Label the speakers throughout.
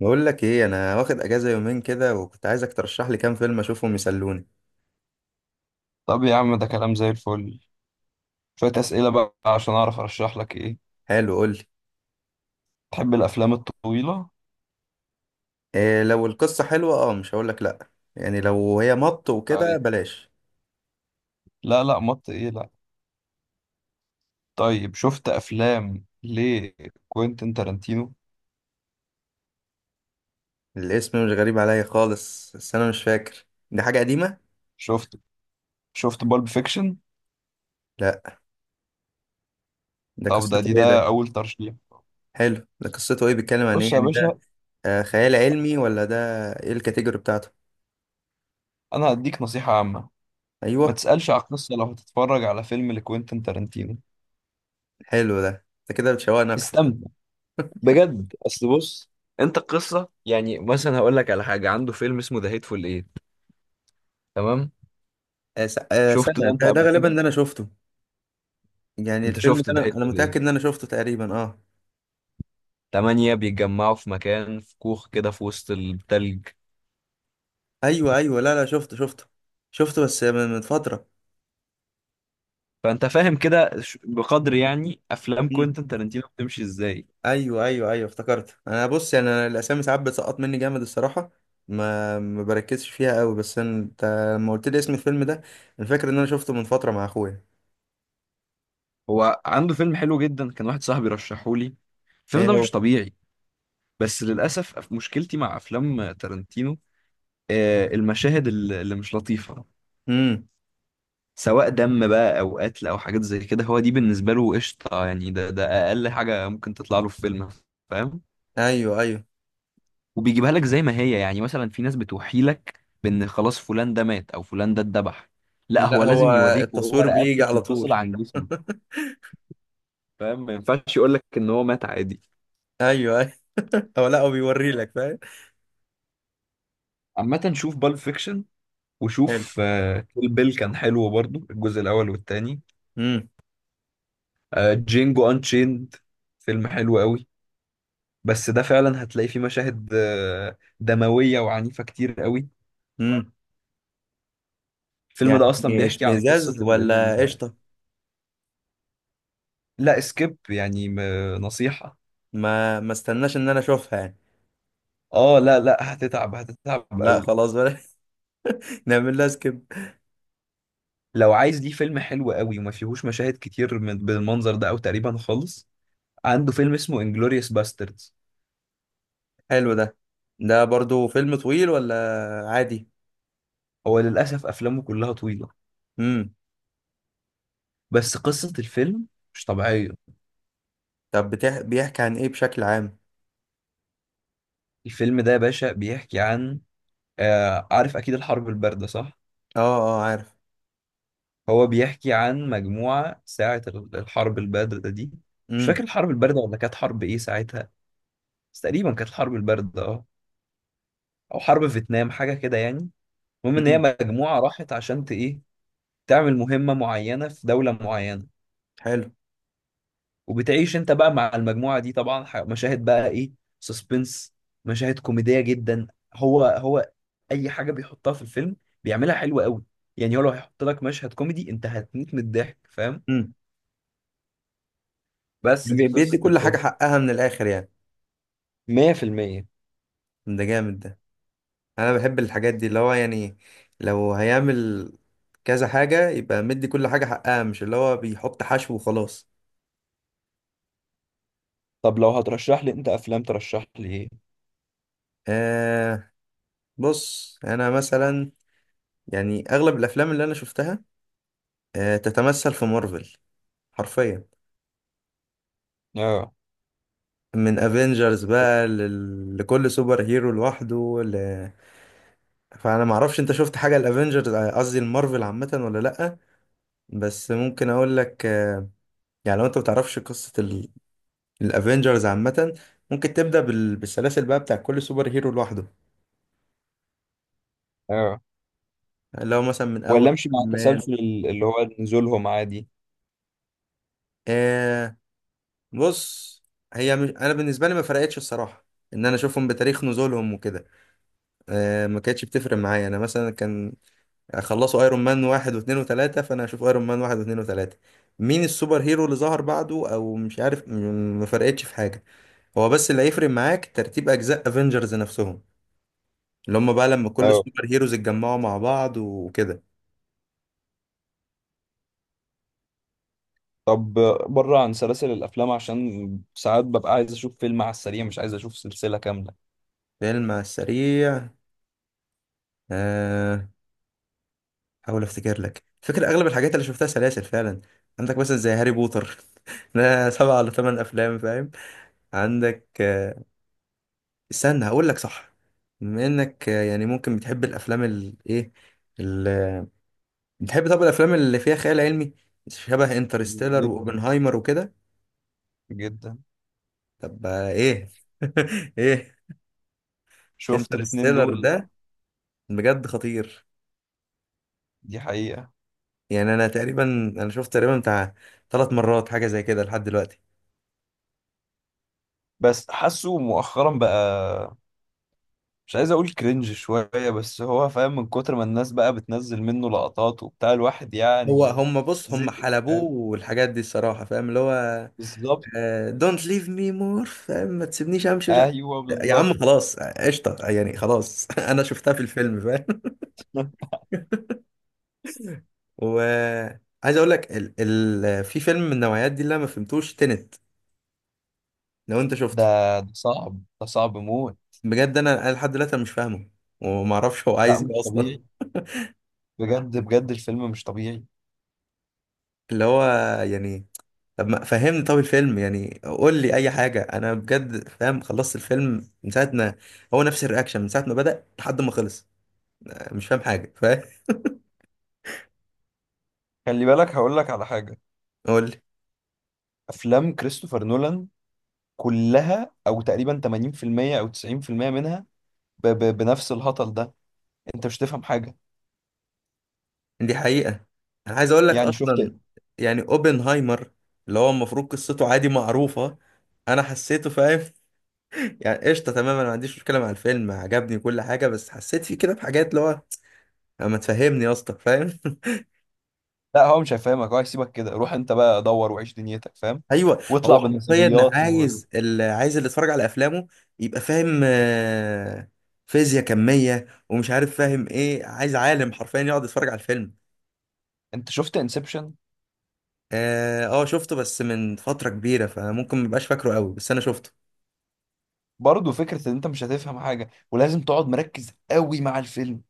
Speaker 1: بقول لك ايه، انا واخد اجازه يومين كده وكنت عايزك ترشح لي كام فيلم اشوفهم يسلوني.
Speaker 2: طب يا عم، ده كلام زي الفل. شوية أسئلة بقى عشان أعرف أرشح لك إيه.
Speaker 1: حلو، قول لي.
Speaker 2: تحب الأفلام الطويلة؟
Speaker 1: إيه، لو القصه حلوه اه مش هقول لك لا. يعني لو هي مط وكده
Speaker 2: أي.
Speaker 1: بلاش.
Speaker 2: لا لا، مط إيه؟ لا. طيب شفت أفلام لكوينتين تارانتينو؟
Speaker 1: الاسم مش غريب عليا خالص، بس انا مش فاكر. دي حاجه قديمه.
Speaker 2: شفت شفت بالب فيكشن؟
Speaker 1: لا، ده
Speaker 2: طب ده
Speaker 1: قصته
Speaker 2: دي
Speaker 1: ايه ده؟
Speaker 2: ده أول ترشيح.
Speaker 1: حلو، ده قصته ايه؟ بيتكلم عن ايه
Speaker 2: بص يا
Speaker 1: يعني
Speaker 2: باشا،
Speaker 1: ده؟ آه، خيال علمي ولا ده؟ ايه الكاتيجوري بتاعته؟
Speaker 2: أنا هديك نصيحة عامة. ما
Speaker 1: ايوه.
Speaker 2: تسألش على القصة لو هتتفرج على فيلم لكوينتين تارانتينو،
Speaker 1: حلو، ده انت كده بتشوقني اكتر.
Speaker 2: استمتع بجد. أصل بص، انت القصة، يعني مثلا هقول لك على حاجة. عنده فيلم اسمه ذا هيتفول ايت، تمام؟ شفته
Speaker 1: سنه
Speaker 2: ده انت
Speaker 1: ده
Speaker 2: قبل
Speaker 1: غالبا
Speaker 2: كده.
Speaker 1: ده انا شفته. يعني
Speaker 2: انت
Speaker 1: الفيلم ده
Speaker 2: شفت، ده
Speaker 1: انا
Speaker 2: هيحصل ايه؟
Speaker 1: متاكد ان انا شفته تقريبا اه.
Speaker 2: تمانية بيتجمعوا في مكان، في كوخ كده في وسط التلج.
Speaker 1: ايوه ايوه، لا لا، شفته شفته. شفته بس من فتره.
Speaker 2: فانت فاهم كده، بقدر يعني افلام
Speaker 1: مم.
Speaker 2: كوينتن تارانتينو بتمشي ازاي.
Speaker 1: ايوه، ايوه، ايوه، افتكرت. انا بص، يعني انا الاسامي ساعات بتسقط مني جامد الصراحه. ما بركزش فيها قوي، بس انت، لما قلت لي اسم الفيلم ده، انا فاكر ان انا شفته من فتره مع اخويا.
Speaker 2: هو عنده فيلم حلو جدا، كان واحد صاحبي رشحه لي. الفيلم
Speaker 1: ايه
Speaker 2: ده
Speaker 1: هو؟
Speaker 2: مش طبيعي. بس للاسف مشكلتي مع افلام تارانتينو، المشاهد اللي مش لطيفة.
Speaker 1: امم.
Speaker 2: سواء دم بقى او قتل او حاجات زي كده، هو دي بالنسبة له قشطة. يعني ده اقل حاجة ممكن تطلع له في فيلم، فاهم؟
Speaker 1: ايوه ايوه.
Speaker 2: وبيجيبها لك زي ما هي. يعني مثلا في ناس بتوحي لك بان خلاص فلان ده مات او فلان ده اتذبح. لا،
Speaker 1: لا
Speaker 2: هو
Speaker 1: هو،
Speaker 2: لازم يوريك وهو
Speaker 1: التصوير بيجي
Speaker 2: رقبته
Speaker 1: على
Speaker 2: بتنفصل
Speaker 1: طول.
Speaker 2: عن جسمه، فاهم؟ ما ينفعش يقول لك ان هو مات عادي.
Speaker 1: ايوه ايوه. هو لا، هو بيوري لك، فاهم.
Speaker 2: عامة شوف بالب فيكشن،
Speaker 1: حلو.
Speaker 2: وشوف. كيل بيل كان حلو برضو، الجزء الاول والتاني.
Speaker 1: امم.
Speaker 2: جينجو انشيند فيلم حلو قوي. بس ده فعلا هتلاقي فيه مشاهد دموية وعنيفة كتير قوي.
Speaker 1: امم.
Speaker 2: الفيلم ده اصلا
Speaker 1: يعني
Speaker 2: بيحكي عن قصة
Speaker 1: اشمئزاز ولا قشطه؟
Speaker 2: لا سكيب يعني، نصيحة.
Speaker 1: ما استناش ان انا اشوفها يعني.
Speaker 2: اه لا لا، هتتعب، هتتعب
Speaker 1: لا
Speaker 2: قوي.
Speaker 1: خلاص. نعمل لها سكيب.
Speaker 2: لو عايز ليه فيلم حلو قوي وما فيهوش مشاهد كتير من بالمنظر ده او تقريبا خالص، عنده فيلم اسمه انجلوريوس باستردز.
Speaker 1: حلو ده. ده برضو فيلم طويل ولا؟ عادي؟
Speaker 2: هو للاسف افلامه كلها طويله،
Speaker 1: امم.
Speaker 2: بس قصه الفيلم مش طبيعيه.
Speaker 1: طب بيحكي عن ايه بشكل عام؟
Speaker 2: الفيلم ده يا باشا بيحكي عن، آه، عارف اكيد الحرب البارده، صح؟
Speaker 1: اه، اه، عارف.
Speaker 2: هو بيحكي عن مجموعه ساعه الحرب البارده دي. مش
Speaker 1: امم.
Speaker 2: فاكر الحرب البارده ولا كانت حرب ايه ساعتها، بس تقريبا كانت الحرب البارده اه، او حرب فيتنام، حاجه كده يعني. المهم ان هي
Speaker 1: امم.
Speaker 2: مجموعه راحت عشان ايه، تعمل مهمة معينة في دولة معينة.
Speaker 1: حلو.
Speaker 2: وبتعيش انت بقى مع المجموعة دي طبعا، مشاهد بقى ايه، سسبنس، مشاهد كوميدية جدا. هو اي حاجة بيحطها في الفيلم بيعملها حلوة قوي. يعني هو لو هيحط لك مشهد كوميدي، انت هتموت من الضحك، فاهم؟
Speaker 1: امم.
Speaker 2: بس دي
Speaker 1: بيدي
Speaker 2: قصة
Speaker 1: كل حاجة
Speaker 2: الفيلم.
Speaker 1: حقها من الاخر يعني.
Speaker 2: 100%.
Speaker 1: ده جامد ده. انا بحب الحاجات دي اللي هو يعني، لو هيعمل كذا حاجة يبقى مدي كل حاجة حقها، مش اللي هو بيحط حشو وخلاص.
Speaker 2: طب لو هترشح لي انت افلام، ترشح لي ايه؟
Speaker 1: آه بص، انا مثلا، يعني اغلب الافلام اللي انا شفتها تتمثل في مارفل. حرفيا.
Speaker 2: اه
Speaker 1: من افنجرز بقى، لكل سوبر هيرو لوحده فانا ما اعرفش انت شفت حاجه الافنجرز، قصدي المارفل، عامه ولا لا. بس ممكن اقول لك، يعني لو انت ما تعرفش قصه الافنجرز عامه، ممكن تبدا بالسلاسل بقى بتاع كل سوبر هيرو لوحده.
Speaker 2: اه.
Speaker 1: لو مثلا من
Speaker 2: ولا
Speaker 1: اول
Speaker 2: امشي مع
Speaker 1: ايرون مان.
Speaker 2: التسلسل اللي هو نزولهم عادي؟
Speaker 1: آه بص، هي مش... انا بالنسبه لي ما فرقتش الصراحه ان انا اشوفهم بتاريخ نزولهم وكده. ما كانتش بتفرق معايا، انا مثلا كان، يعني خلصوا ايرون مان واحد واثنين وثلاثة، فانا هشوف ايرون مان واحد واثنين وثلاثة. مين السوبر هيرو اللي ظهر بعده او مش عارف، ما فرقتش في حاجة. هو بس اللي هيفرق معاك ترتيب اجزاء افنجرز نفسهم، اللي هم بقى لما كل
Speaker 2: اه.
Speaker 1: السوبر هيروز اتجمعوا مع بعض وكده.
Speaker 2: طب بره عن سلاسل الافلام عشان ساعات ببقى عايز اشوف فيلم على السريع، مش عايز اشوف سلسله كامله.
Speaker 1: فيلم على السريع، آه، احاول افتكر لك. فكرة اغلب الحاجات اللي شفتها سلاسل فعلا. عندك مثلا زي هاري بوتر. ده سبعة ولا ثمان افلام، فاهم. عندك، استنى هقول لك صح. بما انك، يعني ممكن بتحب الافلام الايه، بتحب طب الافلام اللي فيها خيال علمي شبه انترستيلر
Speaker 2: جدا
Speaker 1: واوبنهايمر وكده.
Speaker 2: جدا.
Speaker 1: طب ايه. ايه.
Speaker 2: شفت الاتنين
Speaker 1: انترستيلر
Speaker 2: دول؟
Speaker 1: ده بجد خطير.
Speaker 2: دي حقيقه.
Speaker 1: يعني انا تقريبا، انا شفت تقريبا بتاع ثلاث مرات حاجه زي كده لحد دلوقتي.
Speaker 2: بس حاسه مؤخرا بقى، مش عايز اقول كرنج شويه، بس هو فاهم، من كتر ما الناس بقى بتنزل منه لقطات وبتاع الواحد
Speaker 1: هو
Speaker 2: يعني.
Speaker 1: هم بص،
Speaker 2: زي،
Speaker 1: هم حلبوه
Speaker 2: فاهم،
Speaker 1: والحاجات دي الصراحه، فاهم اللي هو،
Speaker 2: بالظبط.
Speaker 1: دونت ليف مي مور، فاهم، ما تسيبنيش امشي.
Speaker 2: ايوه
Speaker 1: يا عم
Speaker 2: بالظبط.
Speaker 1: خلاص قشطه يعني خلاص. انا شفتها في الفيلم، فاهم. وعايز اقول لك، في فيلم من النوعيات دي اللي انا ما فهمتوش تنت. لو انت شفته.
Speaker 2: ده صعب، ده صعب موت.
Speaker 1: بجد انا لحد دلوقتي أنا مش فاهمه، وما اعرفش هو
Speaker 2: لا
Speaker 1: عايز ايه
Speaker 2: مش
Speaker 1: اصلا.
Speaker 2: طبيعي، بجد بجد الفيلم مش طبيعي.
Speaker 1: اللي هو، يعني طب ما فهمني، طب الفيلم يعني قول لي اي حاجه. انا بجد فاهم خلصت الفيلم من ساعه ما، هو نفس الرياكشن من ساعه ما بدأ لحد ما خلص. مش فاهم حاجه، فاهم.
Speaker 2: خلي بالك هقول لك على حاجه.
Speaker 1: قول لي.
Speaker 2: افلام كريستوفر نولان كلها او تقريبا 80% او 90% منها ب ب بنفس الهطل ده، انت مش تفهم حاجه.
Speaker 1: دي حقيقة. انا عايز اقول لك
Speaker 2: يعني شفت؟
Speaker 1: اصلا، يعني اوبنهايمر اللي هو المفروض قصته عادي معروفة، انا حسيته، فاهم. يعني قشطة تماما، ما عنديش مشكلة مع الفيلم، عجبني كل حاجة، بس حسيت فيه كده بحاجات اللي هو ما تفهمني يا اسطى، فاهم.
Speaker 2: لا هو مش هيفهمك، هو هيسيبك كده، روح انت بقى دور وعيش دنيتك، فاهم؟
Speaker 1: ايوه،
Speaker 2: واطلع
Speaker 1: هو حرفيا
Speaker 2: بنظريات وانت.
Speaker 1: عايز اللي يتفرج على افلامه يبقى فاهم فيزياء كمية ومش عارف فاهم ايه، عايز عالم حرفيا يقعد يتفرج على الفيلم.
Speaker 2: شفت انسبشن؟
Speaker 1: اه، شفته بس من فترة كبيرة فممكن مبقاش فاكره قوي، بس انا شفته.
Speaker 2: برضه فكره ان انت مش هتفهم حاجه ولازم تقعد مركز قوي مع الفيلم.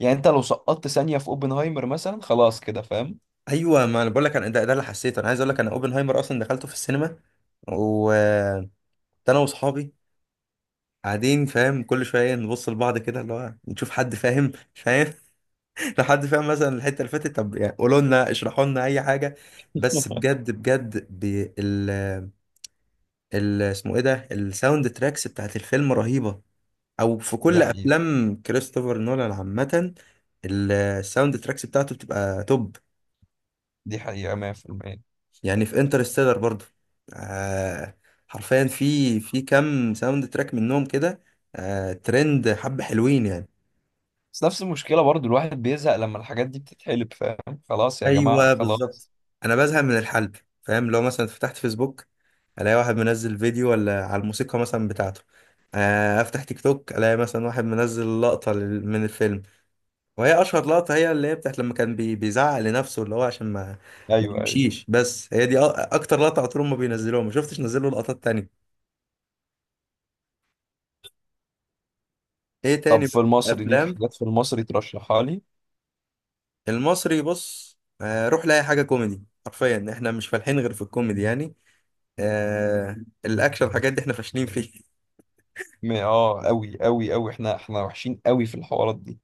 Speaker 2: يعني انت لو سقطت ثانيه في اوبنهايمر مثلا خلاص كده، فاهم؟
Speaker 1: ايوه، ما انا بقول لك، انا ده اللي حسيته. انا عايز اقول لك، انا اوبنهايمر اصلا دخلته في السينما وكنت انا واصحابي قاعدين، فاهم، كل شويه نبص لبعض كده اللي هو نشوف حد فاهم مش فاهم. لو حد فاهم مثلا الحته اللي فاتت طب يعني قولوا لنا اشرحوا لنا اي حاجه. بس بجد بجد. اسمه ايه ده، الساوند تراكس بتاعت الفيلم رهيبه، او في
Speaker 2: دي
Speaker 1: كل
Speaker 2: حقيقه،
Speaker 1: افلام كريستوفر نولان عامه. الساوند تراكس بتاعته بتبقى توب.
Speaker 2: دي حقيقه 100%.
Speaker 1: يعني في انترستيلر برضو، آه حرفيا في كام ساوند تراك منهم كده ترند، حبة حلوين يعني.
Speaker 2: بس نفس المشكلة برضو الواحد بيزهق لما الحاجات دي بتتحلب، فاهم؟ خلاص يا جماعة
Speaker 1: ايوه بالظبط.
Speaker 2: خلاص.
Speaker 1: انا بزهق من الحلب. فاهم، لو مثلا فتحت فيسبوك الاقي واحد منزل فيديو ولا على الموسيقى مثلا بتاعته، افتح تيك توك الاقي مثلا واحد منزل لقطة من الفيلم. وهي اشهر لقطة، هي اللي هي بتاعت لما كان بيزعق لنفسه اللي هو عشان ما ما
Speaker 2: أيوه أيوه.
Speaker 1: يمشيش. بس هي دي اكتر لقطة على طول ما بينزلوها، ما شفتش نزلوا لقطات تانية. ايه
Speaker 2: طب
Speaker 1: تاني
Speaker 2: في
Speaker 1: بقى؟
Speaker 2: المصري ليك
Speaker 1: افلام
Speaker 2: حاجات في المصري ترشحها لي؟
Speaker 1: المصري، بص، روح لاي حاجه كوميدي. حرفيا احنا مش فالحين غير في الكوميدي يعني. آه الاكشن الحاجات دي احنا فاشلين فيه.
Speaker 2: اه أوي أوي أوي، احنا وحشين أوي في الحوارات دي.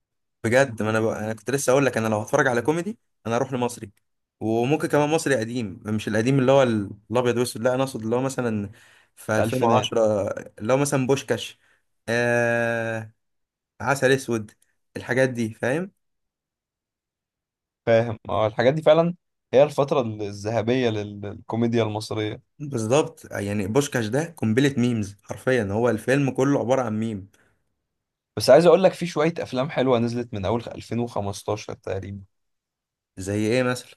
Speaker 1: بجد، ما انا انا كنت لسه اقول لك انا لو هتفرج على كوميدي انا اروح لمصري. وممكن كمان مصري قديم، مش القديم اللي هو الابيض واسود، لا انا اقصد اللي هو مثلا في
Speaker 2: الألفينات.
Speaker 1: 2010، اللي هو مثلا بوشكاش، آه عسل اسود، الحاجات دي فاهم.
Speaker 2: فاهم، اه الحاجات دي فعلا هي الفترة الذهبية للكوميديا المصرية.
Speaker 1: بالظبط، يعني بوشكاش ده قنبله ميمز، حرفيا هو الفيلم كله عباره عن ميم.
Speaker 2: بس عايز أقول لك في شوية أفلام حلوة نزلت من أول 2015 تقريبا.
Speaker 1: زي ايه مثلا؟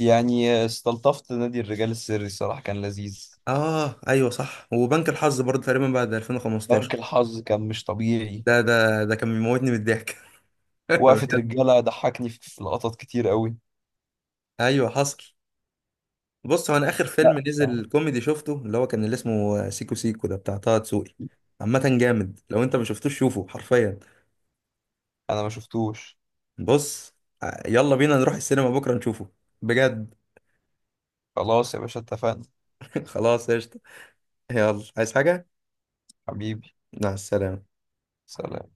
Speaker 2: يعني استلطفت نادي الرجال السري، الصراحة كان لذيذ.
Speaker 1: اه ايوه صح، وبنك الحظ برضه تقريبا بعد 2015.
Speaker 2: بنك الحظ كان مش طبيعي.
Speaker 1: ده كان بيموتني من الضحك.
Speaker 2: وقفة
Speaker 1: بجد.
Speaker 2: رجالة ضحكني في لقطات كتير قوي.
Speaker 1: ايوه حصل. بص، هو انا اخر
Speaker 2: لا
Speaker 1: فيلم
Speaker 2: ف-
Speaker 1: نزل كوميدي شفته اللي هو كان اللي اسمه سيكو سيكو، ده بتاع طه دسوقي. عامة جامد، لو انت ما شفتوش شوفه حرفيا.
Speaker 2: انا ما شفتوش.
Speaker 1: بص، يلا بينا نروح السينما بكرة نشوفه، بجد.
Speaker 2: خلاص يا باشا، اتفقنا.
Speaker 1: خلاص قشطة. يلا، عايز حاجة؟
Speaker 2: حبيبي
Speaker 1: مع السلامة.
Speaker 2: سلام.